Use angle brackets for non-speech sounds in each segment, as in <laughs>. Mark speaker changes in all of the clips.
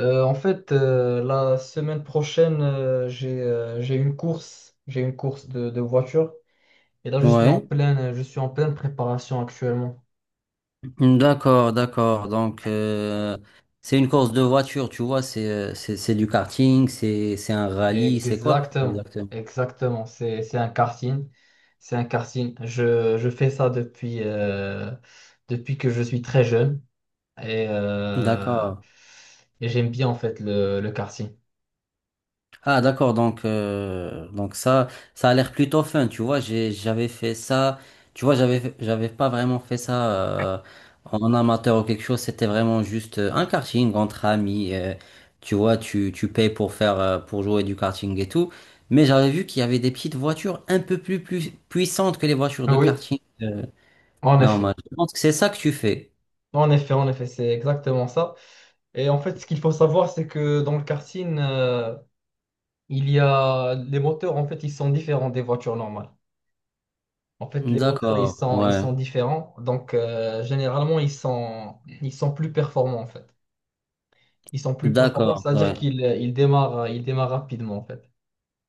Speaker 1: La semaine prochaine, j'ai une course, de voiture. Et là,
Speaker 2: Ouais,
Speaker 1: je suis en pleine préparation actuellement.
Speaker 2: d'accord, d'accord. Donc, c'est une course de voiture, tu vois, c'est du karting, c'est un rallye, c'est quoi
Speaker 1: Exactement,
Speaker 2: exactement?
Speaker 1: exactement. C'est un karting, c'est un karting. Je fais ça depuis depuis que je suis très jeune et, euh,
Speaker 2: D'accord.
Speaker 1: et j'aime bien en fait le karting.
Speaker 2: Ah d'accord, donc ça, ça a l'air plutôt fun, tu vois, j'avais fait ça, tu vois, j'avais pas vraiment fait ça en amateur ou quelque chose, c'était vraiment juste un karting entre amis, tu vois, tu payes pour pour jouer du karting et tout, mais j'avais vu qu'il y avait des petites voitures un peu plus puissantes que les voitures
Speaker 1: Ah
Speaker 2: de
Speaker 1: oui,
Speaker 2: karting
Speaker 1: en
Speaker 2: normales.
Speaker 1: effet.
Speaker 2: Je pense que c'est ça que tu fais.
Speaker 1: En effet, c'est exactement ça. Et en fait, ce qu'il faut savoir, c'est que dans le karting, il y a les moteurs, en fait, ils sont différents des voitures normales. En fait, les moteurs,
Speaker 2: D'accord,
Speaker 1: ils
Speaker 2: ouais,
Speaker 1: sont différents. Donc, généralement, ils sont plus performants, en fait. Ils sont plus performants,
Speaker 2: d'accord,
Speaker 1: c'est-à-dire
Speaker 2: ouais.
Speaker 1: qu'ils ils démarrent rapidement, en fait.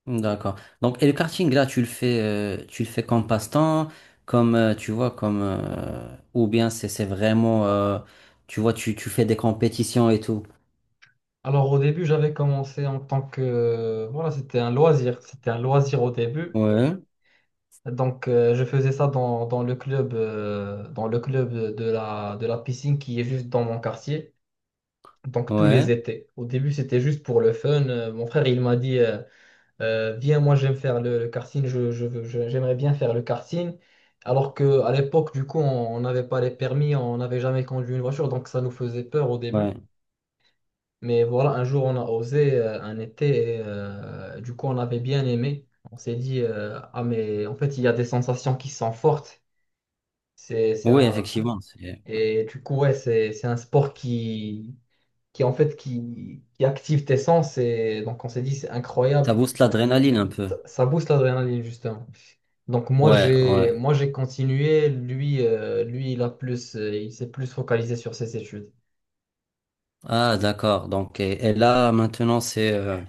Speaker 2: D'accord. Donc, et le karting, là, tu le fais comme passe-temps, tu vois, ou bien c'est vraiment, tu vois, tu fais des compétitions et tout.
Speaker 1: Alors, au début, j'avais commencé en tant que... Voilà, c'était un loisir. C'était un loisir au début.
Speaker 2: Ouais,
Speaker 1: Donc, je faisais ça dans le club de la piscine qui est juste dans mon quartier. Donc, tous
Speaker 2: ouais,
Speaker 1: les étés. Au début, c'était juste pour le fun. Mon frère, il m'a dit, viens, moi, j'aime faire le karting. J'aimerais bien faire le karting. Alors que à l'époque, du coup, on n'avait pas les permis, on n'avait jamais conduit une voiture. Donc, ça nous faisait peur au début.
Speaker 2: ouais.
Speaker 1: Mais voilà, un jour, on a osé, un été. Et, du coup, on avait bien aimé. On s'est dit, ah, mais en fait, il y a des sensations qui sont fortes. C'est, c'est
Speaker 2: Oui,
Speaker 1: un,
Speaker 2: effectivement,
Speaker 1: et du coup, ouais, c'est un sport qui, qui active tes sens. Et donc, on s'est dit, c'est
Speaker 2: ça
Speaker 1: incroyable.
Speaker 2: booste l'adrénaline un peu.
Speaker 1: Ça booste l'adrénaline, justement. Donc,
Speaker 2: Ouais, ouais.
Speaker 1: moi, j'ai continué. Lui, lui, il a plus, il s'est plus focalisé sur ses études.
Speaker 2: Ah, d'accord. Donc, et là, maintenant,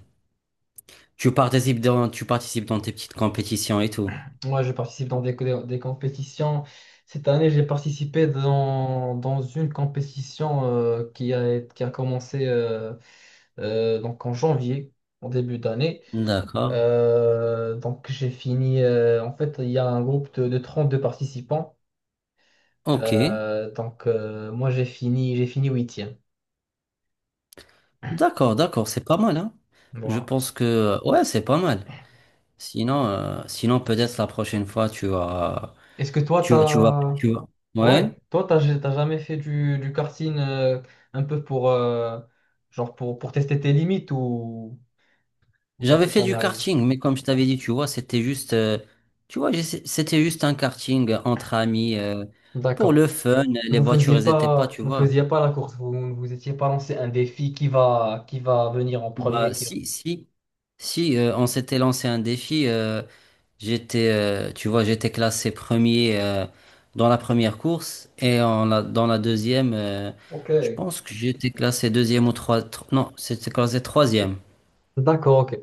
Speaker 2: tu participes dans tes petites compétitions et tout.
Speaker 1: Moi, je participe dans des compétitions. Cette année, j'ai participé dans une compétition qui a commencé donc en janvier, en début d'année.
Speaker 2: D'accord.
Speaker 1: Donc j'ai fini. En fait, il y a un groupe de 32 participants.
Speaker 2: Ok.
Speaker 1: Moi j'ai fini huitième.
Speaker 2: D'accord, d'accord. C'est pas mal, hein. Je
Speaker 1: Voilà.
Speaker 2: pense que, ouais, c'est pas mal. Sinon peut-être la prochaine fois, tu vas,
Speaker 1: Est-ce que toi
Speaker 2: tu vas, tu vas,
Speaker 1: t'as,
Speaker 2: tu vas. Ouais.
Speaker 1: ouais, t'as jamais fait du karting, un peu genre pour tester tes limites, ou ça
Speaker 2: J'avais
Speaker 1: t'est
Speaker 2: fait
Speaker 1: jamais
Speaker 2: du
Speaker 1: arrivé?
Speaker 2: karting, mais comme je t'avais dit, tu vois, c'était juste, tu vois, c'était juste un karting entre amis, pour
Speaker 1: D'accord.
Speaker 2: le fun.
Speaker 1: Et
Speaker 2: Les
Speaker 1: vous faisiez
Speaker 2: voitures, elles étaient pas,
Speaker 1: pas,
Speaker 2: tu
Speaker 1: vous
Speaker 2: vois.
Speaker 1: faisiez pas la course. Vous vous étiez pas lancé un défi qui va venir en premier,
Speaker 2: Bah,
Speaker 1: qui.
Speaker 2: si, si, si, on s'était lancé un défi. Tu vois, j'étais classé premier dans la première course et dans la deuxième,
Speaker 1: Ok.
Speaker 2: je pense que j'étais classé deuxième ou trois, non, c'était classé troisième.
Speaker 1: D'accord, ok.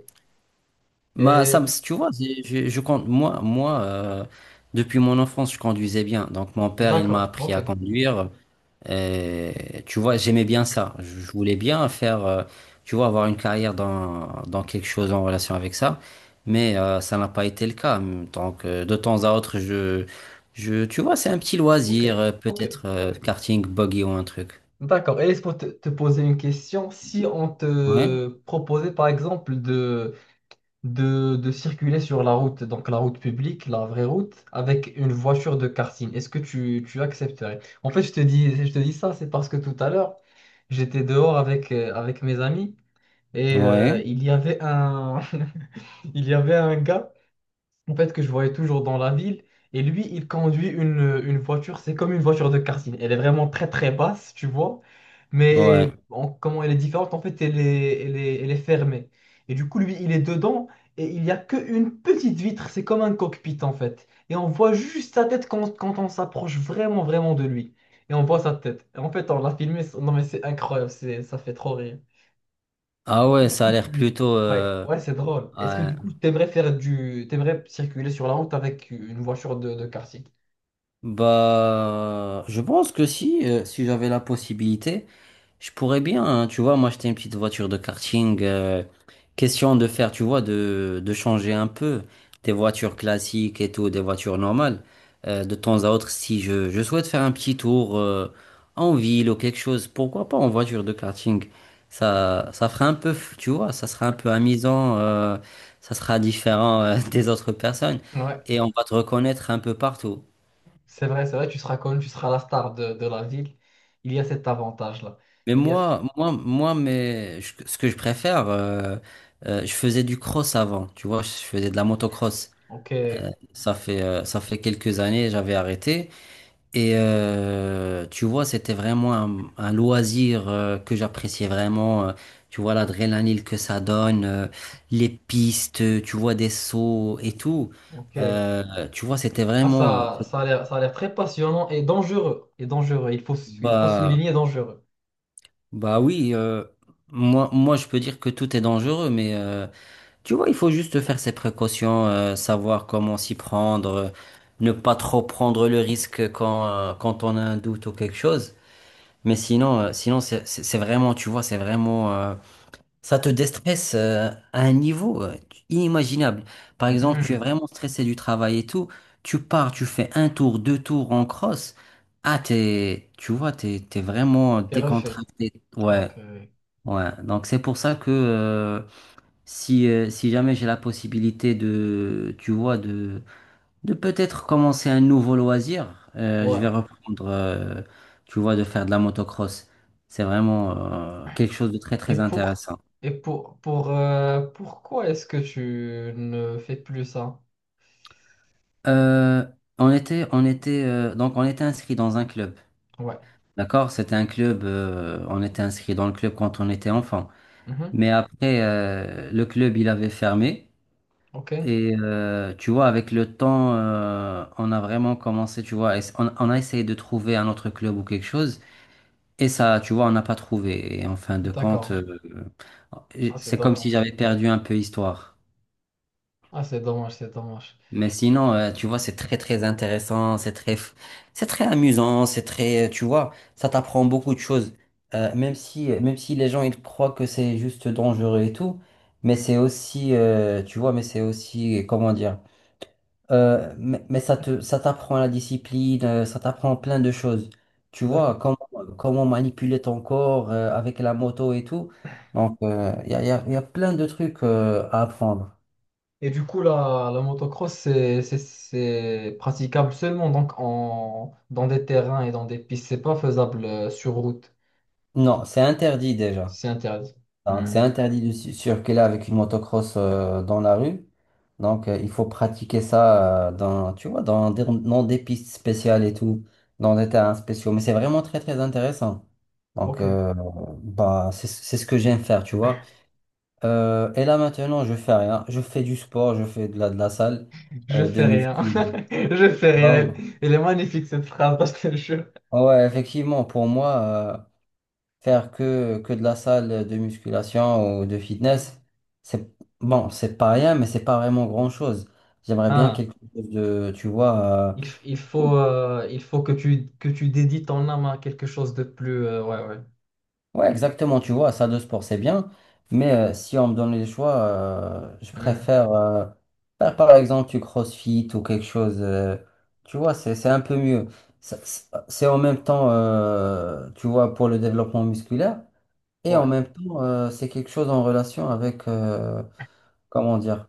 Speaker 2: Bah,
Speaker 1: Et
Speaker 2: tu vois, je compte, moi, depuis mon enfance, je conduisais bien. Donc, mon père, il m'a
Speaker 1: d'accord,
Speaker 2: appris
Speaker 1: ok.
Speaker 2: à conduire. Euh, Tu vois, j'aimais bien ça. Je voulais bien faire, tu vois, avoir une carrière dans quelque chose en relation avec ça. Mais ça n'a pas été le cas. Donc, de temps à autre, tu vois, c'est un petit
Speaker 1: Ok,
Speaker 2: loisir,
Speaker 1: ok.
Speaker 2: peut-être karting, buggy ou un truc.
Speaker 1: D'accord. Et est-ce pour te, te poser une question, si on
Speaker 2: Ouais,
Speaker 1: te proposait par exemple de circuler sur la route, donc la route publique, la vraie route, avec une voiture de karting, est-ce que tu accepterais? En fait, je te dis ça, c'est parce que tout à l'heure, j'étais dehors avec, avec mes amis et
Speaker 2: ouais,
Speaker 1: il y avait un, <laughs> il y avait un gars. En fait, que je voyais toujours dans la ville. Et lui, il conduit une voiture, c'est comme une voiture de karting. Elle est vraiment très très basse, tu vois.
Speaker 2: ouais.
Speaker 1: Mais en- comment elle est différente, en fait, elle est fermée. Et du coup, lui, il est dedans et il n'y a qu'une petite vitre, c'est comme un cockpit en fait. Et on voit juste sa tête quand, quand on s'approche vraiment vraiment de lui. Et on voit sa tête. Et en fait, on l'a filmé, non mais c'est incroyable, ça fait trop rire
Speaker 2: Ah ouais, ça a
Speaker 1: coup,
Speaker 2: l'air
Speaker 1: tu-
Speaker 2: plutôt,
Speaker 1: Ouais, ouais, c'est drôle. Est-ce que du coup, t'aimerais faire du... t'aimerais circuler sur la route avec une voiture de karting?
Speaker 2: Bah, je pense que si j'avais la possibilité, je pourrais bien, hein, tu vois, m'acheter une petite voiture de karting, question de faire, tu vois, de changer un peu des voitures classiques et tout, des voitures normales. De temps à autre, si je souhaite faire un petit tour en ville ou quelque chose, pourquoi pas en voiture de karting? Ça fera un peu, tu vois, ça sera un peu amusant, ça sera différent <laughs> des autres personnes
Speaker 1: Ouais,
Speaker 2: et on va te reconnaître un peu partout.
Speaker 1: c'est vrai, tu seras connu, tu seras la star de la ville. Il y a cet avantage-là.
Speaker 2: Mais
Speaker 1: Il y a...
Speaker 2: moi, ce que je préfère, je faisais du cross avant, tu vois, je faisais de la motocross.
Speaker 1: Ok,
Speaker 2: Ça fait quelques années, j'avais arrêté. Et tu vois, c'était vraiment un loisir que j'appréciais vraiment. Tu vois, l'adrénaline que ça donne, les pistes, tu vois, des sauts et tout.
Speaker 1: ok.
Speaker 2: Euh, Tu vois, c'était
Speaker 1: Ah,
Speaker 2: vraiment... euh, c'est-
Speaker 1: ça a l'air très passionnant et dangereux. Et dangereux, il faut
Speaker 2: bah,
Speaker 1: souligner dangereux.
Speaker 2: bah oui, moi, moi, je peux dire que tout est dangereux, Tu vois, il faut juste faire ses précautions, savoir comment s'y prendre, ne pas trop prendre le risque quand on a un doute ou quelque chose. Mais sinon c'est vraiment, tu vois, ça te déstresse, à un niveau, inimaginable. Par exemple, tu es
Speaker 1: Mhm.
Speaker 2: vraiment stressé du travail et tout, tu pars, tu fais un tour, deux tours en cross. Ah, t'es, tu vois, t'es vraiment
Speaker 1: Et refait.
Speaker 2: décontracté. Ouais,
Speaker 1: Ok.
Speaker 2: ouais. Donc c'est pour ça que, si jamais j'ai la possibilité de, tu vois, de peut-être commencer un nouveau loisir, je vais
Speaker 1: Ouais.
Speaker 2: reprendre, tu vois, de faire de la motocross. C'est vraiment quelque chose de très
Speaker 1: Et
Speaker 2: très
Speaker 1: pour...
Speaker 2: intéressant.
Speaker 1: Et pour... pourquoi est-ce que tu ne fais plus ça?
Speaker 2: Euh, on était, donc on était inscrit dans un club,
Speaker 1: Ouais.
Speaker 2: d'accord? C'était un club, on était inscrit dans le club quand on était enfant.
Speaker 1: Mhm.
Speaker 2: Mais après, le club il avait fermé.
Speaker 1: Ok.
Speaker 2: Et tu vois, avec le temps, on a vraiment commencé, tu vois, on a essayé de trouver un autre club ou quelque chose, et ça, tu vois, on n'a pas trouvé. Et en fin de compte,
Speaker 1: D'accord. Ah, c'est
Speaker 2: c'est comme si
Speaker 1: dommage.
Speaker 2: j'avais perdu un peu histoire.
Speaker 1: Ah, c'est dommage, c'est dommage.
Speaker 2: Mais sinon, tu vois, c'est très très intéressant, c'est très amusant, tu vois, ça t'apprend beaucoup de choses. Même si, les gens ils croient que c'est juste dangereux et tout, mais c'est aussi, tu vois, mais c'est aussi, comment dire. Mais, ça t'apprend la discipline, ça t'apprend plein de choses. Tu vois,
Speaker 1: D'accord.
Speaker 2: comment manipuler ton corps avec la moto et tout. Donc, il y a, y a- y a plein de trucs à apprendre.
Speaker 1: Et du coup, la motocross, c'est praticable seulement donc en, dans des terrains et dans des pistes. C'est pas faisable sur route.
Speaker 2: Non, c'est interdit
Speaker 1: Si,
Speaker 2: déjà.
Speaker 1: c'est interdit.
Speaker 2: Donc,
Speaker 1: Hmm.
Speaker 2: c'est interdit de circuler avec une motocross dans la rue. Donc, il faut pratiquer ça dans, tu vois, dans des, pistes spéciales et tout, dans des terrains spéciaux. Mais c'est vraiment très, très intéressant. Donc,
Speaker 1: Ok.
Speaker 2: bah, c'est ce que j'aime faire, tu vois. Et là maintenant, je fais rien. Je fais du sport, je fais de la salle,
Speaker 1: Je
Speaker 2: de
Speaker 1: fais rien.
Speaker 2: muscu.
Speaker 1: <laughs> Je fais
Speaker 2: Bah oui.
Speaker 1: rien. Elle est magnifique cette phrase, parce que je... te jure.
Speaker 2: Ah ouais, effectivement, pour moi, euh, faire que de la salle de musculation ou de fitness, c'est bon, c'est pas rien, mais c'est pas vraiment grand-chose. J'aimerais bien
Speaker 1: Ah,
Speaker 2: quelque chose de, tu vois,
Speaker 1: il, f- il faut que que tu dédies ton âme à quelque chose de plus... ouais, ouais.
Speaker 2: Ouais, exactement, tu vois, ça de sport, c'est bien, mais si on me donne les choix, je
Speaker 1: Hmm.
Speaker 2: préfère faire par exemple du CrossFit ou quelque chose, tu vois, c'est un peu mieux. C'est en même temps, tu vois, pour le développement musculaire, et en
Speaker 1: Ouais,
Speaker 2: même temps, c'est quelque chose en relation avec, comment dire,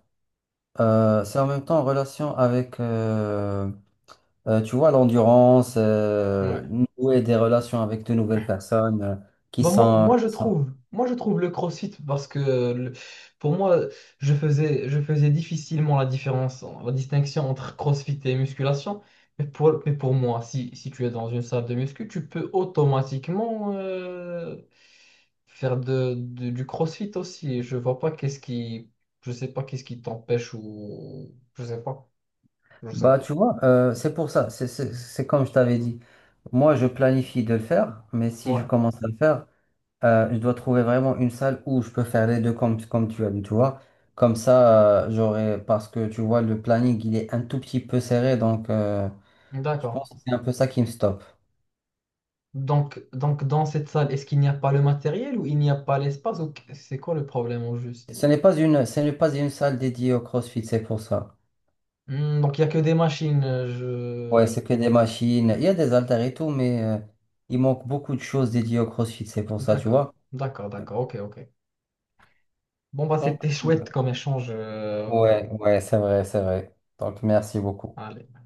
Speaker 2: c'est en même temps en relation avec, tu vois, l'endurance,
Speaker 1: ouais.
Speaker 2: nouer des relations avec de nouvelles personnes qui
Speaker 1: Bon,
Speaker 2: sont.
Speaker 1: moi, je trouve le CrossFit parce que le- pour moi, je faisais difficilement la différence, la distinction entre CrossFit et musculation. Mais pour moi, si, si tu es dans une salle de muscu, tu peux automatiquement faire du CrossFit aussi. Je vois pas qu'est-ce qui, je sais pas qu'est-ce qui t'empêche, ou je sais pas, je sais
Speaker 2: Bah,
Speaker 1: pas.
Speaker 2: tu vois, c'est pour ça, c'est comme je t'avais dit. Moi, je planifie de le faire, mais si je
Speaker 1: Ouais,
Speaker 2: commence à le faire, je dois trouver vraiment une salle où je peux faire les deux comme, tu as dit, tu vois. Comme ça, j'aurai, parce que tu vois, le planning, il est un tout petit peu serré, donc je
Speaker 1: d'accord.
Speaker 2: pense que c'est un peu ça qui me stoppe.
Speaker 1: Donc dans cette salle, est-ce qu'il n'y a pas le matériel ou il n'y a pas l'espace, ou qu- c'est quoi le problème au juste?
Speaker 2: Ce n'est pas une salle dédiée au CrossFit, c'est pour ça.
Speaker 1: Hmm, donc il n'y a que des machines.
Speaker 2: Ouais,
Speaker 1: Je...
Speaker 2: c'est que des machines, il y a des haltères et tout, mais il manque beaucoup de choses dédiées au CrossFit, c'est pour ça, tu
Speaker 1: D'accord,
Speaker 2: vois.
Speaker 1: d'accord, d'accord, ok, ok. Bon bah
Speaker 2: Donc,
Speaker 1: c'était <laughs> chouette comme échange.
Speaker 2: ouais, ouais, c'est vrai, c'est vrai. Donc, merci beaucoup.
Speaker 1: Allez.